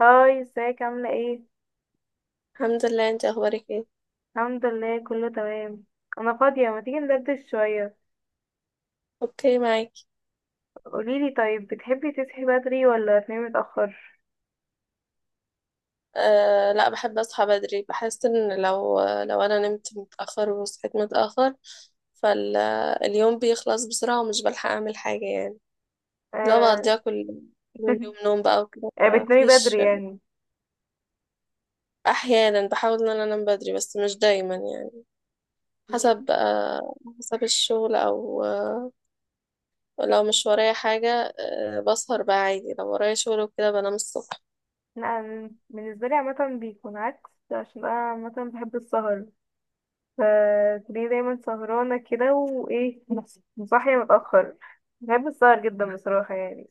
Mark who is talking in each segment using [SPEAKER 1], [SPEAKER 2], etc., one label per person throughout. [SPEAKER 1] هاي، ازيك عاملة ايه؟
[SPEAKER 2] الحمد لله، انت اخبارك ايه؟
[SPEAKER 1] الحمد لله، كله تمام. انا فاضية، ما تيجي ندردش شوية؟
[SPEAKER 2] اوكي، معاكي.
[SPEAKER 1] قوليلي طيب، بتحبي تصحي بدري ولا تنامي متأخر؟
[SPEAKER 2] أه لا، بحب اصحى بدري. بحس ان لو انا نمت متاخر وصحيت متاخر فاليوم بيخلص بسرعه ومش بلحق اعمل حاجه يعني. لو
[SPEAKER 1] آه.
[SPEAKER 2] بقضيها كل اليوم نوم بقى وكده
[SPEAKER 1] آه، بتنامي
[SPEAKER 2] فمفيش.
[SPEAKER 1] بدري يعني.
[SPEAKER 2] احيانا بحاول ان انا انام بدري بس مش دايما يعني.
[SPEAKER 1] م-
[SPEAKER 2] حسب حسب الشغل او لو مش ورايا حاجه بسهر بقى عادي، لو ورايا شغل وكده بنام الصبح.
[SPEAKER 1] لا، أنا بالنسبة لي عامة بيكون عكس، عشان انا عامة بحب السهر. فتلاقيني دايما سهرانة كده، وايه، صاحية متأخر. بحب السهر جدا بصراحة يعني.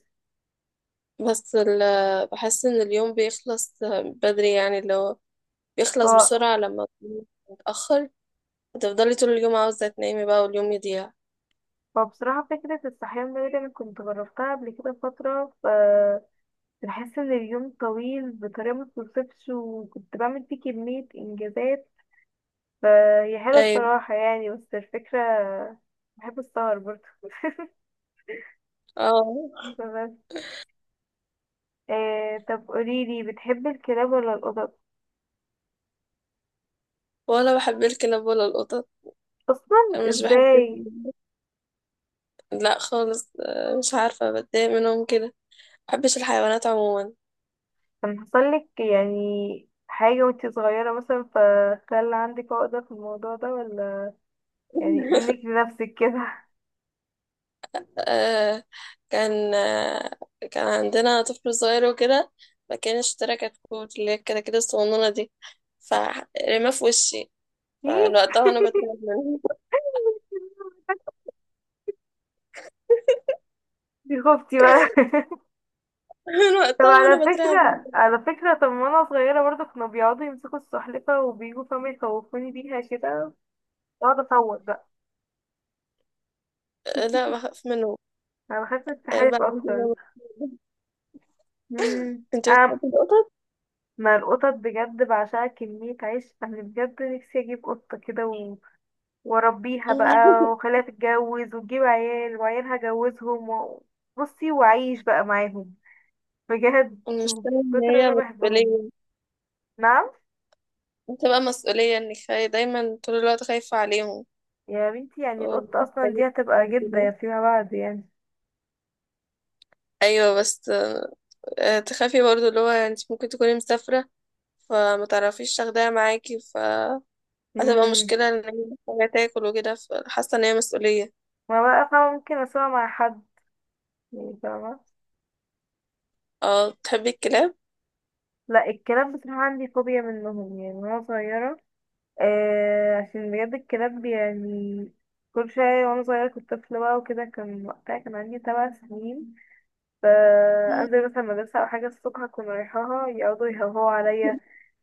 [SPEAKER 2] بحس ان اليوم بيخلص بدري يعني، اللي هو
[SPEAKER 1] ف...
[SPEAKER 2] بيخلص بسرعة لما تكوني متأخر. هتفضلي طول اليوم عاوزة تنامي بقى واليوم يضيع.
[SPEAKER 1] فبصراحة فكرة الصحيان بدري، أنا كنت جربتها قبل كده فترة. بحس ان اليوم طويل بطريقة ما تتوصفش، وكنت بعمل فيه كمية انجازات. فهي حلوة
[SPEAKER 2] طيب.
[SPEAKER 1] بصراحة يعني، بس الفكرة. بحب السهر برضه.
[SPEAKER 2] اه،
[SPEAKER 1] بس. آه، طب قوليلي، بتحبي الكلاب ولا القطط؟
[SPEAKER 2] ولا بحب الكلاب ولا القطط.
[SPEAKER 1] اصلا،
[SPEAKER 2] مش بحب
[SPEAKER 1] ازاي؟
[SPEAKER 2] ال- لا خالص. آه، مش عارفة، بتضايق منهم كده. مبحبش الحيوانات عموما.
[SPEAKER 1] كان حصلك يعني حاجة وانتي صغيرة مثلا، فخلى عندك عقدة في الموضوع ده ولا؟ يعني منك لنفسك كده.
[SPEAKER 2] آه، كان آه، كان عندنا طفل صغير وكده، فكان اشترى كتكوت، اللي هي الكتاكيت الصغنونة دي، فرماه في وشي. من
[SPEAKER 1] ايه؟
[SPEAKER 2] وقتها وانا بترعب منه.
[SPEAKER 1] دي خفتي بقى.
[SPEAKER 2] من
[SPEAKER 1] طب
[SPEAKER 2] وقتها
[SPEAKER 1] على
[SPEAKER 2] وانا بترعب
[SPEAKER 1] فكرة
[SPEAKER 2] منه.
[SPEAKER 1] على فكرة طب وانا صغيرة برضه كانوا بيقعدوا يمسكوا السلحفة وبيجوا فاهمة يخوفوني بيها كده. اقعد اصوت بقى.
[SPEAKER 2] آه، لا بخاف منه.
[SPEAKER 1] انا بخاف من
[SPEAKER 2] آه،
[SPEAKER 1] السحالف اكتر.
[SPEAKER 2] انت
[SPEAKER 1] أم
[SPEAKER 2] بتحبي القطط؟
[SPEAKER 1] ما القطط بجد بعشقها، كمية عيش انا بجد نفسي اجيب قطة كده واربيها بقى واخليها تتجوز وتجيب عيال وعيالها اجوزهم بصي واعيش بقى معاهم. بجد
[SPEAKER 2] مش
[SPEAKER 1] من
[SPEAKER 2] فاهم ان
[SPEAKER 1] كتر ما
[SPEAKER 2] هي
[SPEAKER 1] انا بحبهم.
[SPEAKER 2] مسؤولية.
[SPEAKER 1] نعم.
[SPEAKER 2] بتبقى مسؤولية، دايما طول الوقت خايفة عليهم
[SPEAKER 1] يا بنتي، يعني القطة اصلا
[SPEAKER 2] ومحتاجة
[SPEAKER 1] دي هتبقى
[SPEAKER 2] كده.
[SPEAKER 1] جدة فيما بعد يعني.
[SPEAKER 2] ايوه بس آه، تخافي برضو اللي هو انت ممكن تكوني مسافرة فما تعرفيش تاخديها معاكي، فهتبقى
[SPEAKER 1] امم
[SPEAKER 2] مشكلة ان هي محتاجة تاكل وكده، فحاسة ان هي مسؤولية.
[SPEAKER 1] ما بقى فاهمة، ممكن اسمع مع حد، يعني فاهمة.
[SPEAKER 2] اه، تحبي الكلاب؟
[SPEAKER 1] لا، الكلاب بصراحة عندي فوبيا منهم يعني وانا صغيرة. آه، عشان بجد الكلاب يعني، كل شوية وانا صغيرة كنت طفلة بقى وكده، كان وقتها كان عندي 7 سنين. فأنزل مثلا مدرسة أو حاجة الصبح أكون رايحاها، يقعدوا يهوهوا عليا.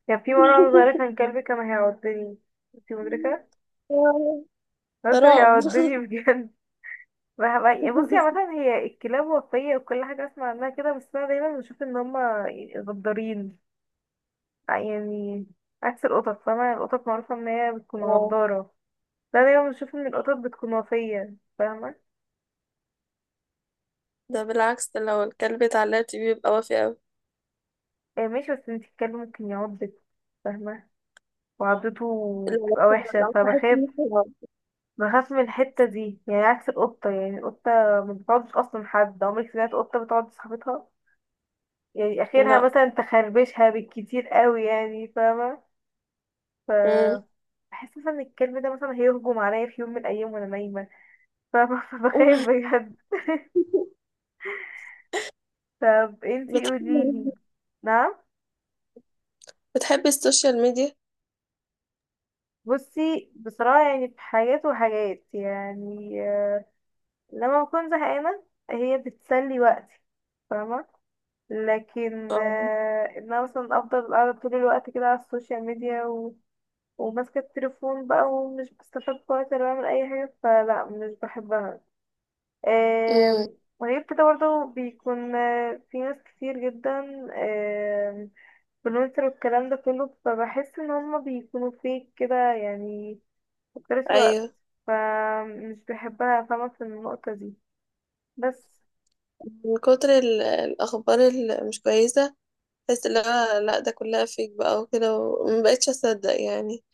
[SPEAKER 1] كان في مرة وأنا صغيرة كان كلبي كان هيعضني. انتي مدركة؟ بس كان
[SPEAKER 2] رعب.
[SPEAKER 1] هيعضني بجد. بصي، عامة هي الكلاب وفية وكل حاجة أسمع عنها كده، بس أنا دايما بشوف إن هما غدارين يعني، عكس القطط، فاهمة. القطط معروفة إن هي بتكون
[SPEAKER 2] آه.
[SPEAKER 1] غدارة، ده دايما بشوف إن القطط بتكون وفية، فاهمة.
[SPEAKER 2] ده بالعكس، ده لو الكلب اتعلق فيه بيبقى وافي أوي.
[SPEAKER 1] آه، ماشي، بس انتي الكلب ممكن يعضك، فاهمة، وعضته
[SPEAKER 2] لو
[SPEAKER 1] بتبقى وحشة
[SPEAKER 2] لو صحيت
[SPEAKER 1] فبخاف.
[SPEAKER 2] من النوم.
[SPEAKER 1] بخاف من الحتة دي يعني. عكس القطة يعني، القطة ما بتعضش أصلا. حد عمرك سمعت قطة بتعض صاحبتها؟ يعني آخرها
[SPEAKER 2] لا.
[SPEAKER 1] مثلا تخربشها بالكتير قوي يعني، فاهمة. ف
[SPEAKER 2] مم.
[SPEAKER 1] بحس مثلا ان الكلب ده مثلا هيهجم عليا في يوم من الايام وانا نايمه. ف- فبخاف بجد. طب انتي
[SPEAKER 2] بتحبي
[SPEAKER 1] قوليلي. نعم.
[SPEAKER 2] بتحبي السوشيال ميديا؟
[SPEAKER 1] بصي بصراحه، يعني في حاجات وحاجات يعني. لما بكون زهقانه، هي بتسلي وقتي، فاهمه. لكن
[SPEAKER 2] اه.
[SPEAKER 1] ان انا مثلا افضل قاعده طول الوقت كده على السوشيال ميديا وماسكه التليفون بقى، ومش بستفاد بوقت ولا بعمل اي حاجه، فلا مش بحبها.
[SPEAKER 2] امم.
[SPEAKER 1] وغير كده برضه بيكون في ناس كتير جدا آم، بلونسر والكلام ده كله، فبحس ان هما بيكونوا فيك كده يعني، مكترث الوقت.
[SPEAKER 2] ايوه.
[SPEAKER 1] فمش بحبها فاهمة في النقطة دي. بس.
[SPEAKER 2] من كتر الاخبار اللي مش كويسه بحس اللي هو لا ده كلها فيك بقى وكده، وما بقتش اصدق يعني.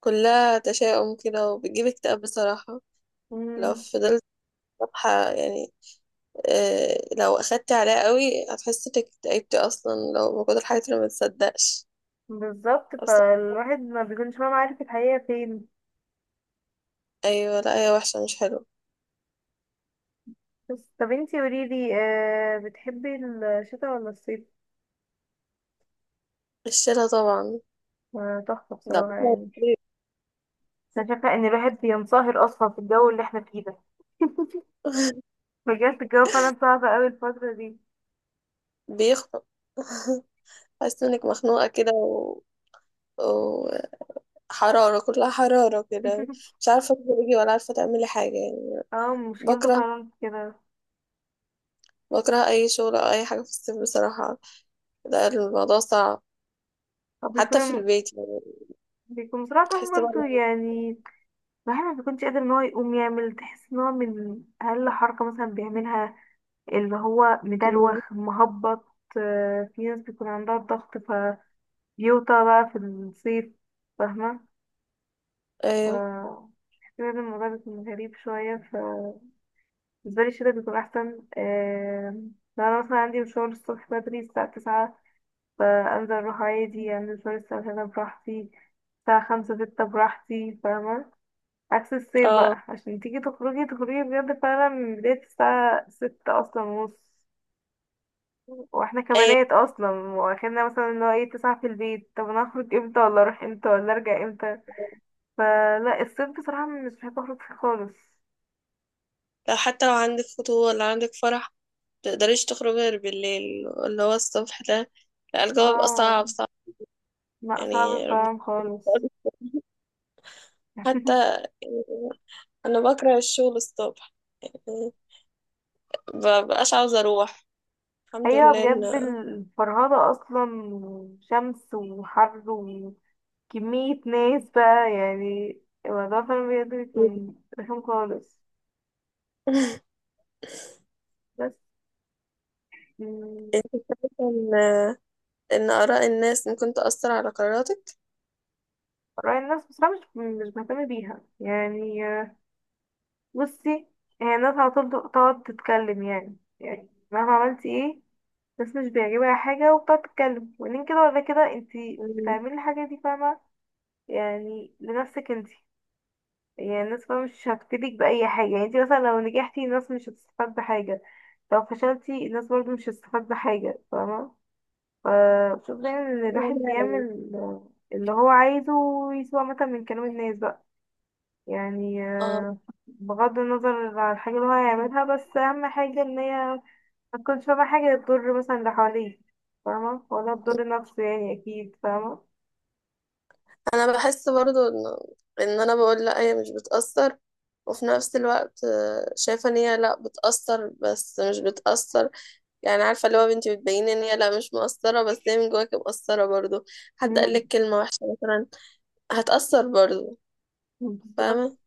[SPEAKER 2] كلها تشاؤم كده وبتجيب اكتئاب بصراحه. لو
[SPEAKER 1] مم.
[SPEAKER 2] فضلت صفحه يعني، آه، لو اخدت عليها قوي هتحس انك اكتئبتي اصلا لو موجودة الحاجات اللي ما تصدقش
[SPEAKER 1] بالظبط،
[SPEAKER 2] اصلا.
[SPEAKER 1] فالواحد ما بيكونش فاهم عارف الحقيقة فين.
[SPEAKER 2] ايوه، لا هي وحشة، مش حلوة.
[SPEAKER 1] بس طب انتي قوليلي، بتحبي الشتاء ولا الصيف؟
[SPEAKER 2] الشيلة طبعا.
[SPEAKER 1] آه، تحفة
[SPEAKER 2] لا.
[SPEAKER 1] بصراحة يعني. أنا شايفة إن الواحد بينصهر أصلا في الجو اللي احنا فيه ده. بجد الجو فعلا صعب قوي الفترة دي.
[SPEAKER 2] بيخنق. حاسة انك مخنوقة كده و... وحرارة، كلها حرارة كده. مش عارفة تخرجي ولا عارفة تعملي حاجة يعني.
[SPEAKER 1] اه، مشكلته
[SPEAKER 2] بكره،
[SPEAKER 1] فعلا في كده.
[SPEAKER 2] بكره أي شغل أو أي حاجة في الصيف بصراحة. ده الموضوع صعب
[SPEAKER 1] هو
[SPEAKER 2] حتى في
[SPEAKER 1] بيكون
[SPEAKER 2] البيت يعني.
[SPEAKER 1] بيكون بصراحة
[SPEAKER 2] بتحس
[SPEAKER 1] برضه
[SPEAKER 2] بقى
[SPEAKER 1] يعني. الواحد ما بيكونش قادر ان هو يقوم يعمل، تحس ان هو من اقل حركة مثلا بيعملها اللي هو
[SPEAKER 2] إنك-
[SPEAKER 1] مدروخ مهبط. آه، في ناس بيكون عندها ضغط فبيوطى بقى في الصيف، فاهمة.
[SPEAKER 2] أيوه.
[SPEAKER 1] ف كده الموضوع بيكون غريب شوية. بالنسبة لي الشتا بيكون أحسن. لو أنا مثلا عندي مشوار الصبح بدري الساعة 9، فأنزل أروح عادي، أنزل شوية الساعة 3 براحتي، الساعة خمسة ستة براحتي، فاهمة. عكس الصيف
[SPEAKER 2] اه.
[SPEAKER 1] بقى، عشان تيجي تخرجي تخرجي بجد فعلا من بداية الساعة 6 أصلا ونص. واحنا
[SPEAKER 2] أيوه،
[SPEAKER 1] كبنات اصلا واخدنا مثلا ان هو ايه، 9 في البيت، طب انا هخرج امتى ولا اروح امتى ولا ارجع امتى؟ فلا، الصيف بصراحة مش بحب اخرج فيه خالص.
[SPEAKER 2] لو حتى لو عندك خطوبة ولا عندك فرح متقدريش تخرجي غير بالليل، اللي هو الصبح ده. لا الجو بقى
[SPEAKER 1] اه،
[SPEAKER 2] صعب صعب.
[SPEAKER 1] لا صعب
[SPEAKER 2] يعني ربنا
[SPEAKER 1] فعلا خالص.
[SPEAKER 2] يقول- حتى يعني أنا بكره الشغل الصبح يعني، مبقاش عاوزة أروح. الحمد
[SPEAKER 1] ايوه
[SPEAKER 2] لله
[SPEAKER 1] بجد، الفرهدة اصلا وشمس وحر، كمية ناس بقى يعني. الموضوع فعلا بجد بيكون رخم خالص. بس. مم.
[SPEAKER 2] إن إن إن آراء الناس ممكن تأثر على قراراتك.
[SPEAKER 1] رأي الناس بصراحة مش مهتمة بيها يعني. بصي، هي الناس على طول تقعد تتكلم، يعني مهما عملتي ايه الناس مش بيعجبها حاجة، وبتقعد تتكلم، وبعدين كده ولا كده انتي
[SPEAKER 2] مم.
[SPEAKER 1] بتعملي الحاجة دي، فاهمة، يعني لنفسك انتي. يعني الناس فاهمة مش هتفيدك بأي حاجة، يعني انتي مثلا لو نجحتي الناس مش هتستفاد بحاجة، لو فشلتي الناس برضو مش هتستفاد بحاجة، فاهمة. آه، بشوف دايما ان الواحد يعمل اللي هو عايزه ويسوى مثلا من كلام الناس بقى يعني.
[SPEAKER 2] اه
[SPEAKER 1] بغض النظر عن الحاجة اللي هو هيعملها، بس اهم حاجة ان هي ما تكونش فاهمة حاجة تضر مثلا اللي حواليه، فاهمة، ولا تضر نفسه يعني، اكيد فاهمة.
[SPEAKER 2] أنا بحس برضو إن أنا بقول لأ هي مش بتأثر، وفي نفس الوقت آه، شايفة إن هي لأ بتأثر بس مش بتأثر. يعني عارفه اللي هو بنتي بتبين ان هي لا مش مقصره بس هي من جواك مقصره برضو. حد قال لك
[SPEAKER 1] مم،
[SPEAKER 2] كلمه وحشه مثلا هتأثر برضو،
[SPEAKER 1] بالظبط.
[SPEAKER 2] فاهمه.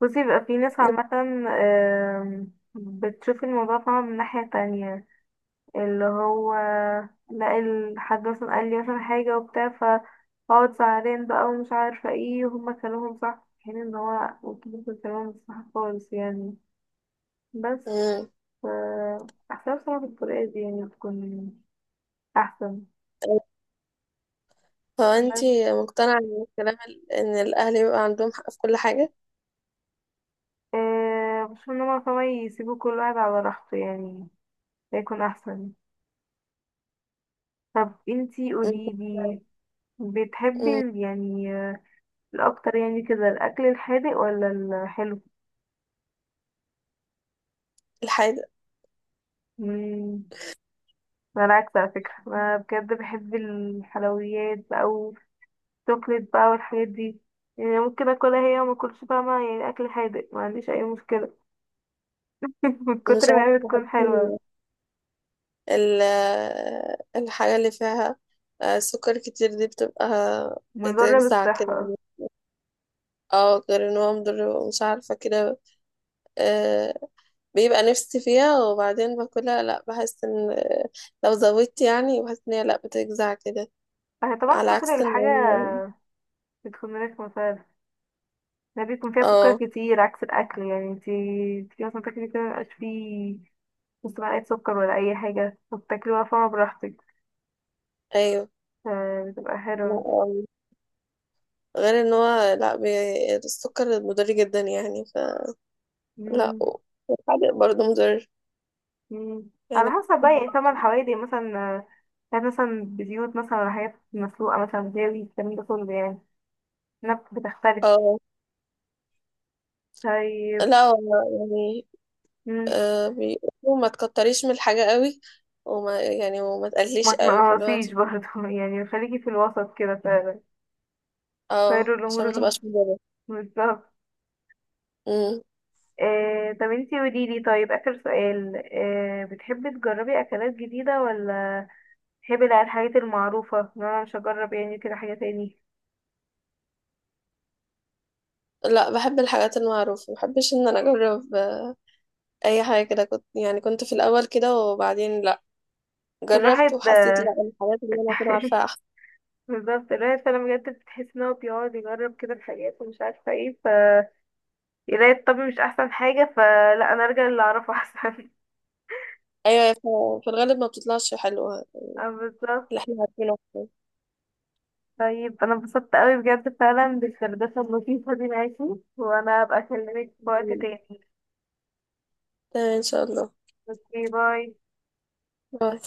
[SPEAKER 1] بصي بقى، في ناس عامة بتشوف الموضوع، فاهمة، من ناحية تانية، اللي هو لا الحاج مثلا قال لي مثلا حاجة وبتاع، فاقعد زعلان بقى ومش عارفة ايه، وهما كلامهم صح، في حين ان هو ممكن كلامهم مش صح خالص يعني. بس.
[SPEAKER 2] امم.
[SPEAKER 1] ف أحسن بصراحة بالطريقة دي، يعني تكون أحسن. بس
[SPEAKER 2] فانتي مقتنعه ان ان الاهل يبقى عندهم حق في كل حاجه.
[SPEAKER 1] أه بشوف ان هما فما يسيبوا كل واحد على راحته يعني، ده يكون أحسن. طب انتي
[SPEAKER 2] مم.
[SPEAKER 1] قوليلي، بتحبي
[SPEAKER 2] مم.
[SPEAKER 1] يعني الأكتر يعني كده الأكل الحادق ولا الحلو؟
[SPEAKER 2] الحاجه.
[SPEAKER 1] مم. انا العكس على فكرة، انا بجد بحب الحلويات بقى والشوكليت بقى والحاجات دي. يعني ممكن اكلها هي وما اكلش، فاهمة، يعني اكل حادق ما عنديش اي مشكلة. من
[SPEAKER 2] مش
[SPEAKER 1] كتر
[SPEAKER 2] عارفه
[SPEAKER 1] ما هي
[SPEAKER 2] بحس
[SPEAKER 1] بتكون حلوة،
[SPEAKER 2] ال- الحاجه اللي فيها آه، سكر كتير دي بتبقى
[SPEAKER 1] مضرة
[SPEAKER 2] بتجزع
[SPEAKER 1] بالصحة.
[SPEAKER 2] كده. اه، غير ان هو مضر، مش عارفه كده. آه، بيبقى نفسي فيها وبعدين باكلها، لا بحس ان لو زودت يعني بحس ان هي لا بتجزع كده.
[SPEAKER 1] اه، طبعا
[SPEAKER 2] على
[SPEAKER 1] كتر
[SPEAKER 2] عكس ان
[SPEAKER 1] الحاجة
[SPEAKER 2] هو
[SPEAKER 1] بتكون رخمة فعلا. ده بيكون فيها
[SPEAKER 2] اه.
[SPEAKER 1] سكر كتير، عكس الأكل يعني انتي مثلا تاكلي كده مبيبقاش فيه نص معلقة سكر ولا أي حاجة، وبتاكلي بقى فاهمة براحتك،
[SPEAKER 2] ايوه.
[SPEAKER 1] فبتبقى
[SPEAKER 2] لا
[SPEAKER 1] حلوة.
[SPEAKER 2] آه. غير ان هو لا السكر مضر جدا يعني، فلا.
[SPEAKER 1] مم.
[SPEAKER 2] والحادق برضه مضر
[SPEAKER 1] مم. على
[SPEAKER 2] يعني.
[SPEAKER 1] حسب بقى يعني، ثمن حوالي مثلا، حاجات مثلا بزيوت مثلا ولا حاجات مسلوقة مثلا، جاوي الكلام ده كله يعني. بتختلف.
[SPEAKER 2] اه
[SPEAKER 1] طيب.
[SPEAKER 2] لا هو يعني
[SPEAKER 1] مم.
[SPEAKER 2] آه بيقولوا ما تكتريش من الحاجة قوي، وما تقليش
[SPEAKER 1] ما
[SPEAKER 2] قوي
[SPEAKER 1] تنقصيش برضه يعني خليكي في الوسط كده فعلا،
[SPEAKER 2] اه
[SPEAKER 1] خير
[SPEAKER 2] عشان
[SPEAKER 1] الأمور
[SPEAKER 2] ما
[SPEAKER 1] الوسط.
[SPEAKER 2] تبقاش مضرة.
[SPEAKER 1] بالظبط.
[SPEAKER 2] امم.
[SPEAKER 1] آه، طب انتي قوليلي، طيب آخر سؤال، بتحبي تجربي أكلات جديدة، ولا بتحبي لا الحاجات المعروفة إن أنا مش هجرب يعني كده حاجة تاني؟
[SPEAKER 2] لا بحب الحاجات المعروفة، ما بحبش ان انا اجرب اي حاجه كده. كنت يعني كنت في الاول كده وبعدين لا، جربت
[SPEAKER 1] الواحد.
[SPEAKER 2] وحسيت لا الحاجات اللي انا كنت عارفاها احسن.
[SPEAKER 1] بالظبط، الواحد فعلا بجد بتحس ان هو بيقعد يجرب كده الحاجات ومش عارفه ايه، يلاقي الطبي مش احسن حاجه، فلا انا ارجع اللي اعرفه احسن.
[SPEAKER 2] ايوه، في الغالب ما بتطلعش حلوه.
[SPEAKER 1] اه، بالظبط.
[SPEAKER 2] اللي احنا عارفينه أحسن.
[SPEAKER 1] طيب انا انبسطت قوي بجد فعلا بالدردشه اللطيفه دي معاكي، وانا هبقى اكلمك في وقت تاني.
[SPEAKER 2] تمام ان شاء الله.
[SPEAKER 1] اوكي، باي.
[SPEAKER 2] باي.